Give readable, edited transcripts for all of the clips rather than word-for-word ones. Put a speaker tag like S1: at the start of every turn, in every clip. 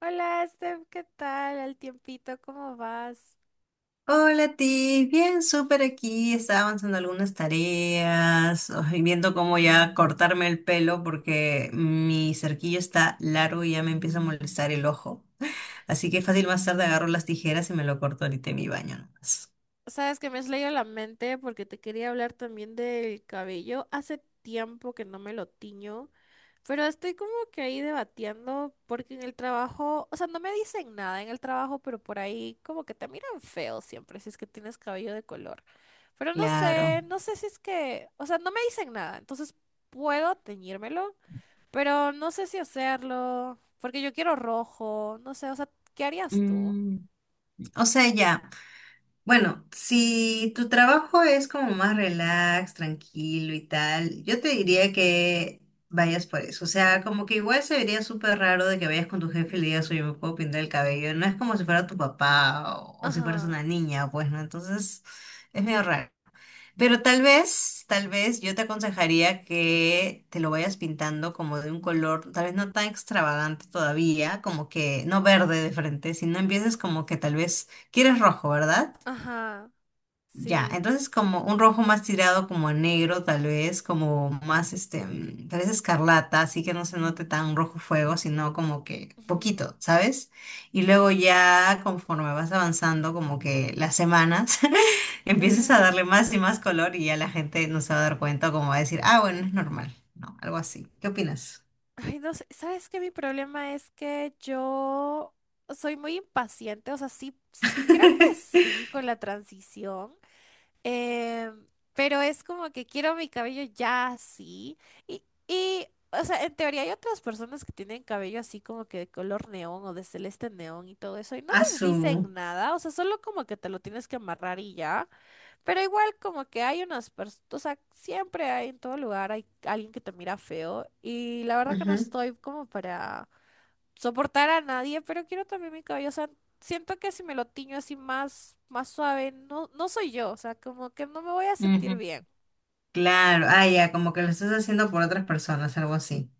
S1: Hola, Steph, ¿qué tal? Al tiempito, ¿cómo vas?
S2: Hola, Tiff. Bien, súper aquí. Estaba avanzando algunas tareas ay, viendo cómo ya cortarme el pelo porque mi cerquillo está largo y ya me empieza a molestar el ojo. Así que fácil más tarde agarro las tijeras y me lo corto ahorita en mi baño nomás.
S1: Sabes que me has leído la mente porque te quería hablar también del cabello. Hace tiempo que no me lo tiño, pero estoy como que ahí debatiendo porque en el trabajo, o sea, no me dicen nada en el trabajo, pero por ahí como que te miran feo siempre si es que tienes cabello de color. Pero no
S2: Claro.
S1: sé, no sé si es que, o sea, no me dicen nada, entonces puedo teñírmelo. Pero no sé si hacerlo, porque yo quiero rojo, no sé, o sea, ¿qué harías tú?
S2: Mm, o sea, ya. Bueno, si tu trabajo es como más relax, tranquilo y tal, yo te diría que vayas por eso. O sea, como que igual se vería súper raro de que vayas con tu jefe y le digas, oye, me puedo pintar el cabello. No es como si fuera tu papá o si fueras
S1: Ajá,
S2: una niña, pues, ¿no? Entonces, es medio raro. Pero tal vez yo te aconsejaría que te lo vayas pintando como de un color, tal vez no tan extravagante todavía, como que no verde de frente, sino empieces como que tal vez quieres rojo, ¿verdad?
S1: ajá,
S2: Ya,
S1: sí.
S2: entonces como un rojo más tirado como a negro, tal vez, como más este, tal vez escarlata, así que no se note tan rojo fuego, sino como que
S1: Ujú,
S2: poquito, ¿sabes? Y luego ya conforme vas avanzando, como que las semanas, empieces
S1: ajá.
S2: a darle más y más color y ya la gente no se va a dar cuenta, como va a decir, ah, bueno, es normal, ¿no? Algo así. ¿Qué opinas?
S1: Ay, no sé, ¿sabes qué? Mi problema es que yo soy muy impaciente, o sea, sí, creo que sí con la transición. Eh, pero es como que quiero mi cabello ya así. Y, y, o sea, en teoría hay otras personas que tienen cabello así como que de color neón o de celeste neón y todo eso. Y no les
S2: Azul.
S1: dicen nada. O sea, solo como que te lo tienes que amarrar y ya. Pero igual como que hay unas personas, o sea, siempre hay en todo lugar, hay alguien que te mira feo. Y la verdad que no estoy como para soportar a nadie, pero quiero también mi cabello, o sea, siento que si me lo tiño así más, más suave, no, no soy yo, o sea, como que no me voy a sentir
S2: Su
S1: bien.
S2: Claro, ah, ya, como que lo estás haciendo por otras personas, algo así.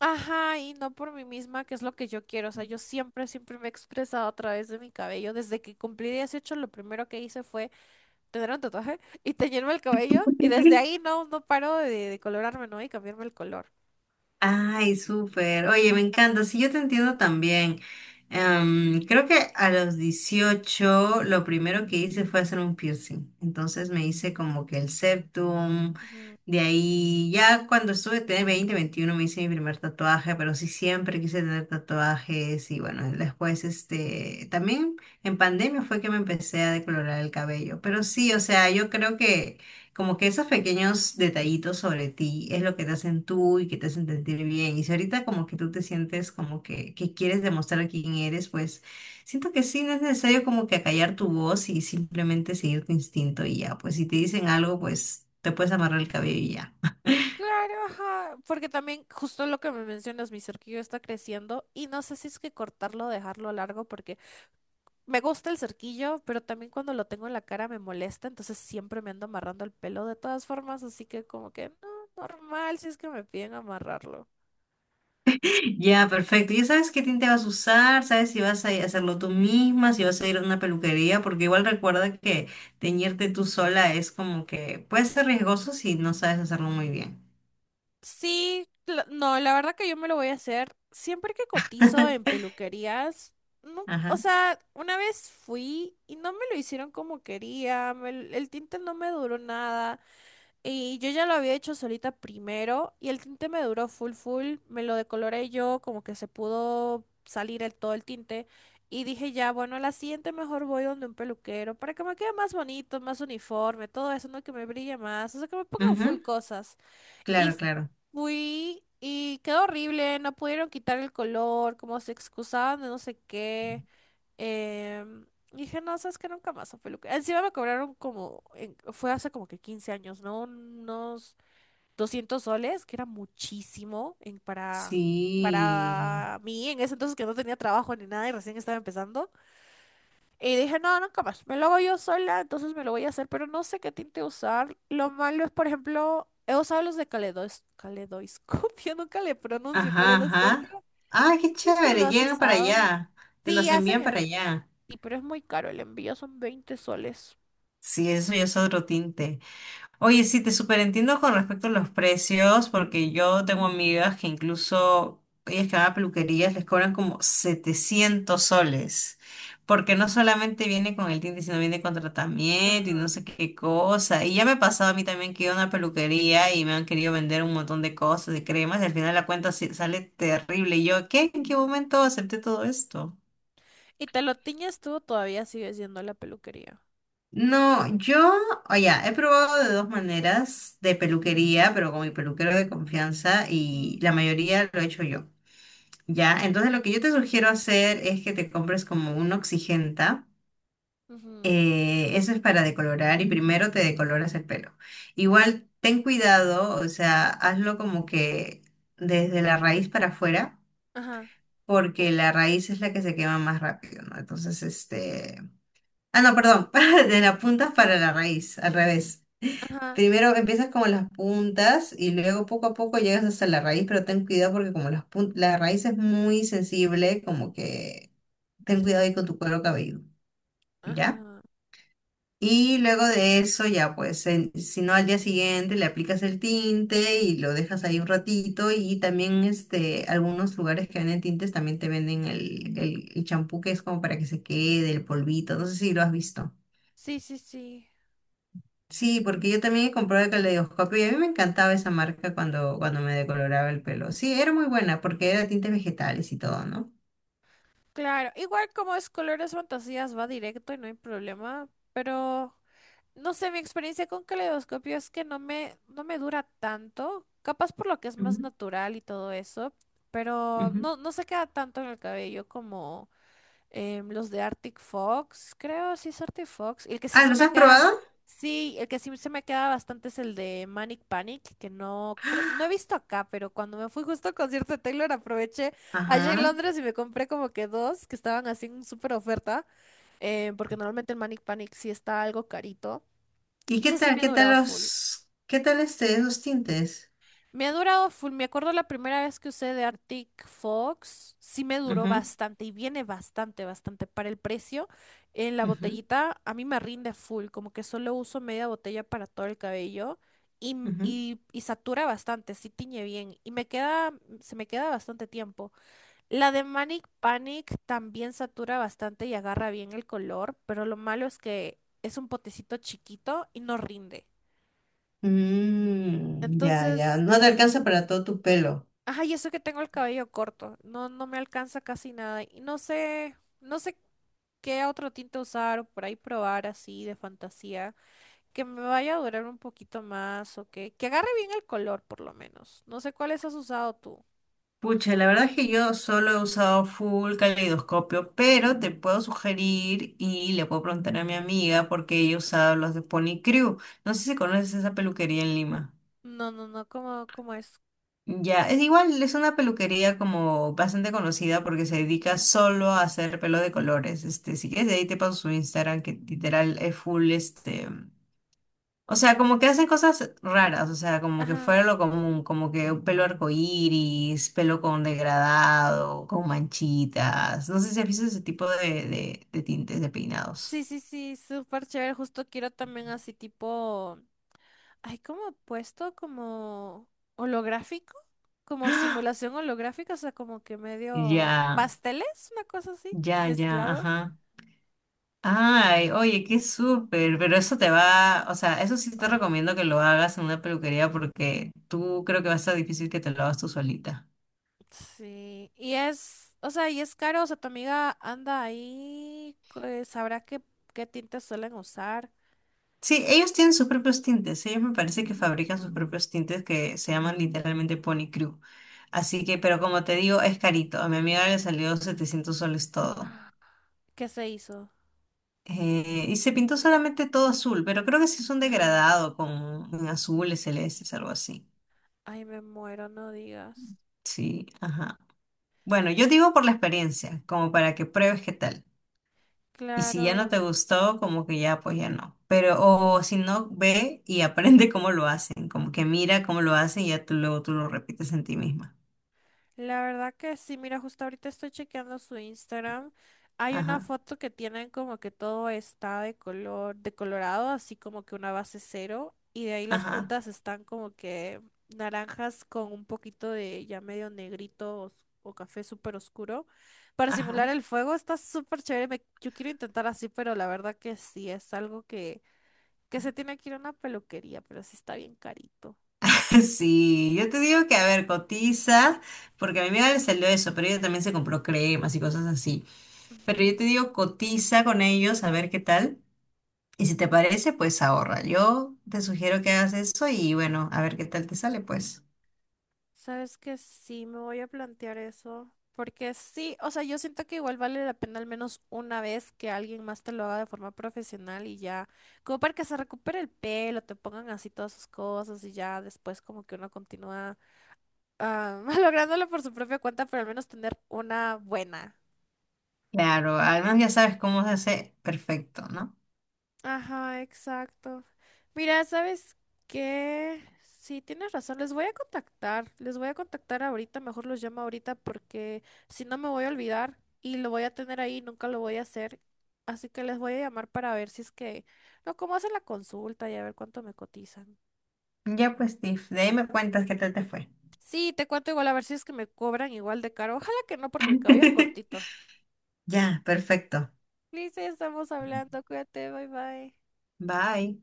S1: Ajá, y no por mí misma, que es lo que yo quiero, o sea, yo siempre, siempre me he expresado a través de mi cabello. Desde que cumplí 18, lo primero que hice fue tener un tatuaje y teñirme el cabello, y desde ahí no, no paro de colorarme, ¿no? Y cambiarme el color.
S2: Ay, súper. Oye, me encanta. Sí, yo te entiendo también. Creo que a los 18 lo primero que hice fue hacer un piercing. Entonces me hice como que el septum.
S1: Ujú.
S2: De ahí, ya cuando estuve, tenía 20, 21 me hice mi primer tatuaje, pero sí siempre quise tener tatuajes. Y bueno, después, este, también en pandemia fue que me empecé a decolorar el cabello. Pero sí, o sea, yo creo que como que esos pequeños detallitos sobre ti es lo que te hacen tú y que te hacen sentir bien. Y si ahorita como que tú te sientes como que quieres demostrar quién eres, pues siento que sí, no es necesario como que acallar tu voz y simplemente seguir tu instinto y ya. Pues si te dicen algo, pues te puedes amarrar el cabello y ya.
S1: Claro, ajá, porque también justo lo que me mencionas, mi cerquillo está creciendo y no sé si es que cortarlo o dejarlo largo porque me gusta el cerquillo, pero también cuando lo tengo en la cara me molesta, entonces siempre me ando amarrando el pelo de todas formas, así que como que no, normal si es que me piden amarrarlo.
S2: Ya, perfecto. Ya sabes qué tinte vas a usar, sabes si vas a hacerlo tú misma, si vas a ir a una peluquería, porque igual recuerda que teñirte tú sola es como que puede ser riesgoso si no sabes hacerlo muy bien.
S1: Sí, no, la verdad que yo me lo voy a hacer siempre que cotizo en peluquerías. No, o
S2: Ajá.
S1: sea, una vez fui y no me lo hicieron como quería, el tinte no me duró nada. Y yo ya lo había hecho solita primero y el tinte me duró full full, me lo decoloré yo, como que se pudo salir el, todo el tinte y dije ya, bueno, a la siguiente mejor voy donde un peluquero para que me quede más bonito, más uniforme, todo eso, no que me brille más, o sea, que me pongan full
S2: Ujú.
S1: cosas. Y
S2: Claro, claro.
S1: fui y quedó horrible, no pudieron quitar el color, como se excusaban de no sé qué. em, Dije, no, sabes que nunca más a peluquería. Encima me cobraron como, fue hace como que 15 años, ¿no? Unos 200 soles, que era muchísimo en- para,
S2: Sí.
S1: para mí en ese entonces que no tenía trabajo ni nada y recién estaba empezando. Y dije, no, no, capaz, me lo hago yo sola, entonces me lo voy a hacer, pero no sé qué tinte usar. Lo malo es, por ejemplo, he usado los de caleidoscopio, nunca le pronuncio
S2: Ajá, ajá.
S1: caleidoscopio.
S2: Ah, qué
S1: Si es que lo
S2: chévere.
S1: has
S2: Llegan para
S1: usado.
S2: allá. Te
S1: Sí,
S2: los envían para allá.
S1: sí, pero es muy caro, el envío son 20 soles.
S2: Sí, eso ya es otro tinte. Oye, sí, te superentiendo con respecto a los precios, porque yo tengo amigas que incluso ellas que van a peluquerías les cobran como 700 soles, porque no solamente viene con el tinte, sino viene con tratamiento y no
S1: Ajá.
S2: sé qué cosa. Y ya me ha pasado a mí también que he ido a una peluquería y me han querido vender un montón de cosas, de cremas, y al final la cuenta sale terrible. Y yo, ¿qué? ¿En qué momento acepté todo esto?
S1: Y te lo tiñes tú, todavía sigues yendo a la peluquería.
S2: No, yo, oye, he probado de dos maneras de peluquería, pero con mi peluquero de confianza
S1: Ujú.
S2: y la mayoría lo he hecho yo, ¿ya? Entonces lo que yo te sugiero hacer es que te compres como un oxigenta,
S1: Ujú.
S2: eso es para decolorar y primero te decoloras el pelo. Igual ten cuidado, o sea, hazlo como que desde la raíz para afuera,
S1: Ajá,
S2: porque la raíz es la que se quema más rápido, ¿no? Entonces, este... Ah, no, perdón, de las puntas
S1: ah,
S2: para la raíz, al revés.
S1: ajá,
S2: Primero empiezas como las puntas y luego poco a poco llegas hasta la raíz, pero ten cuidado porque como la raíz es muy sensible, como que ten
S1: sí,
S2: cuidado ahí con tu cuero cabelludo, ¿ya?
S1: ajá.
S2: Y luego de eso ya pues, si no al día siguiente le aplicas el tinte y lo dejas ahí un ratito y también este, algunos lugares que venden tintes también te venden el champú que es como para que se quede, el polvito, no sé si lo has visto.
S1: Sí, sí, sí.
S2: Sí, porque yo también he comprado el caleidoscopio y a mí me encantaba esa marca cuando me decoloraba el pelo. Sí, era muy buena porque era tintes vegetales y todo, ¿no?
S1: Claro, igual como es Colores Fantasías va directo y no hay problema, pero no sé, mi experiencia con caleidoscopio es que no me dura tanto, capaz por lo que es más
S2: Ujú,
S1: natural y todo eso, pero
S2: ujú.
S1: no, no se queda tanto en el cabello como... Los de Arctic Fox, creo, sí es Arctic Fox. El que sí
S2: Ah,
S1: se
S2: ¿los
S1: me
S2: has
S1: queda,
S2: probado?
S1: sí, el que sí se me queda bastante es el de Manic Panic, que no creo, no he visto acá, pero cuando me fui justo al concierto de Taylor aproveché allá en
S2: Ajá.
S1: Londres y me compré como que dos que estaban así en súper oferta, porque normalmente el Manic Panic sí está algo carito.
S2: ¿Y
S1: Y
S2: qué
S1: ese sí
S2: tal?
S1: me ha durado full.
S2: Qué tal esos tintes?
S1: Me ha durado full. Me acuerdo la primera vez que usé de Arctic Fox, sí me duró
S2: Ujú,
S1: bastante y viene bastante, bastante. Para el precio, en la
S2: ujú,
S1: botellita a mí me rinde full, como que solo uso media botella para todo el cabello y, m-
S2: ujú.
S1: y, y satura bastante, sí tiñe bien y me queda, se me queda bastante tiempo. La de Manic Panic también satura bastante y agarra bien el color, pero lo malo es que es un potecito chiquito y no rinde.
S2: Mm, ya, ya.
S1: Entonces
S2: No te alcanza para todo tu pelo.
S1: ajá, y eso que tengo el cabello corto, no, no me alcanza casi nada. Y no sé qué otro tinte usar o por ahí probar así de fantasía, que me vaya a durar un poquito más o que agarre bien el color por lo menos. No sé cuáles has usado tú.
S2: Pucha, la verdad es que yo solo he usado full caleidoscopio, pero te puedo sugerir y le puedo preguntar a mi amiga porque ella usaba los de Pony Crew. No sé si conoces esa peluquería en Lima.
S1: No, no, no, ¿cómo es?
S2: Ya, es igual, es una peluquería como bastante conocida porque se dedica
S1: Ujú.
S2: solo a hacer pelo de colores. Este, si quieres, de ahí te paso su Instagram, que literal es full, este. O sea, como que hacen cosas raras, o sea, como que
S1: Ajá.
S2: fuera lo común, como que un pelo arcoíris, pelo con degradado, con manchitas. No sé si has visto ese tipo de tintes de peinados.
S1: Sí, sí, sí, súper chévere. Justo quiero también así tipo, hay como puesto como holográfico, como
S2: ¡Ah!
S1: simulación holográfica, o sea, como que medio
S2: Ya,
S1: pasteles, una cosa así,
S2: ya, ya,
S1: mezclado.
S2: ajá. Ay, oye, qué súper, pero eso te va, o sea, eso sí te
S1: Ay,
S2: recomiendo que lo hagas en una peluquería porque tú creo que va a estar difícil que te lo hagas tú solita.
S1: sí. Y es, o sea, y es caro, o sea, tu amiga anda ahí, pues, sabrá qué tintes suelen usar.
S2: Sí, ellos tienen sus propios tintes. Ellos me parece que fabrican sus propios tintes que se llaman literalmente Pony Crew. Así que, pero como te digo, es carito. A mi amiga le salió 700 soles todo.
S1: ¿Qué se hizo?
S2: Y se pintó solamente todo azul, pero creo que sí es un
S1: Ajá.
S2: degradado con en azules, celestes, algo así.
S1: Ay, me muero, no digas.
S2: Sí, ajá. Bueno, yo digo por la experiencia, como para que pruebes qué tal. Y si ya no
S1: Claro.
S2: te gustó, como que ya, pues ya no. Pero, o si no, ve y aprende cómo lo hacen, como que mira cómo lo hacen y ya tú luego tú lo repites en ti misma.
S1: La verdad que sí, mira, justo ahorita estoy chequeando su Instagram. Hay una
S2: Ajá,
S1: foto que tienen como que todo está de colorado, así como que una base cero, y de ahí las
S2: ajá,
S1: puntas están como que naranjas con un poquito de ya medio negrito o, café súper oscuro. Para
S2: ajá.
S1: simular el fuego está súper chévere. Yo quiero intentar así, pero la verdad que sí, es algo que se tiene que ir a una peluquería, pero sí está bien carito.
S2: Sí, yo te digo que, a ver, cotiza, porque a mi amiga le salió eso, pero ella también se compró cremas y cosas así. Pero yo te digo, cotiza con ellos, a ver qué tal. Y si te parece, pues ahorra. Yo te sugiero que hagas eso y bueno, a ver qué tal te sale, pues.
S1: Sabes que sí, me voy a plantear eso, porque sí, o sea, yo siento que igual vale la pena al menos una vez que alguien más te lo haga de forma profesional y ya, como para que se recupere el pelo, te pongan así todas sus cosas y ya después como que uno continúa lográndolo por su propia cuenta, pero al menos tener una buena.
S2: Claro, además ya sabes cómo se hace perfecto, ¿no?
S1: Ajá, exacto. Mira, ¿sabes qué? Sí, tienes razón, les voy a contactar ahorita, mejor los llamo ahorita porque si no me voy a olvidar y lo voy a tener ahí, nunca lo voy a hacer. Así que les voy a llamar para ver si es que, no, cómo hacen la consulta y a ver cuánto me cotizan.
S2: Ya pues, Steve, de ahí me cuentas qué tal te fue.
S1: Sí, te cuento igual a ver si es que me cobran igual de caro. Ojalá que no, porque mi cabello es cortito.
S2: Ya, perfecto.
S1: Liz, ya estamos hablando, cuídate, bye bye.
S2: Bye.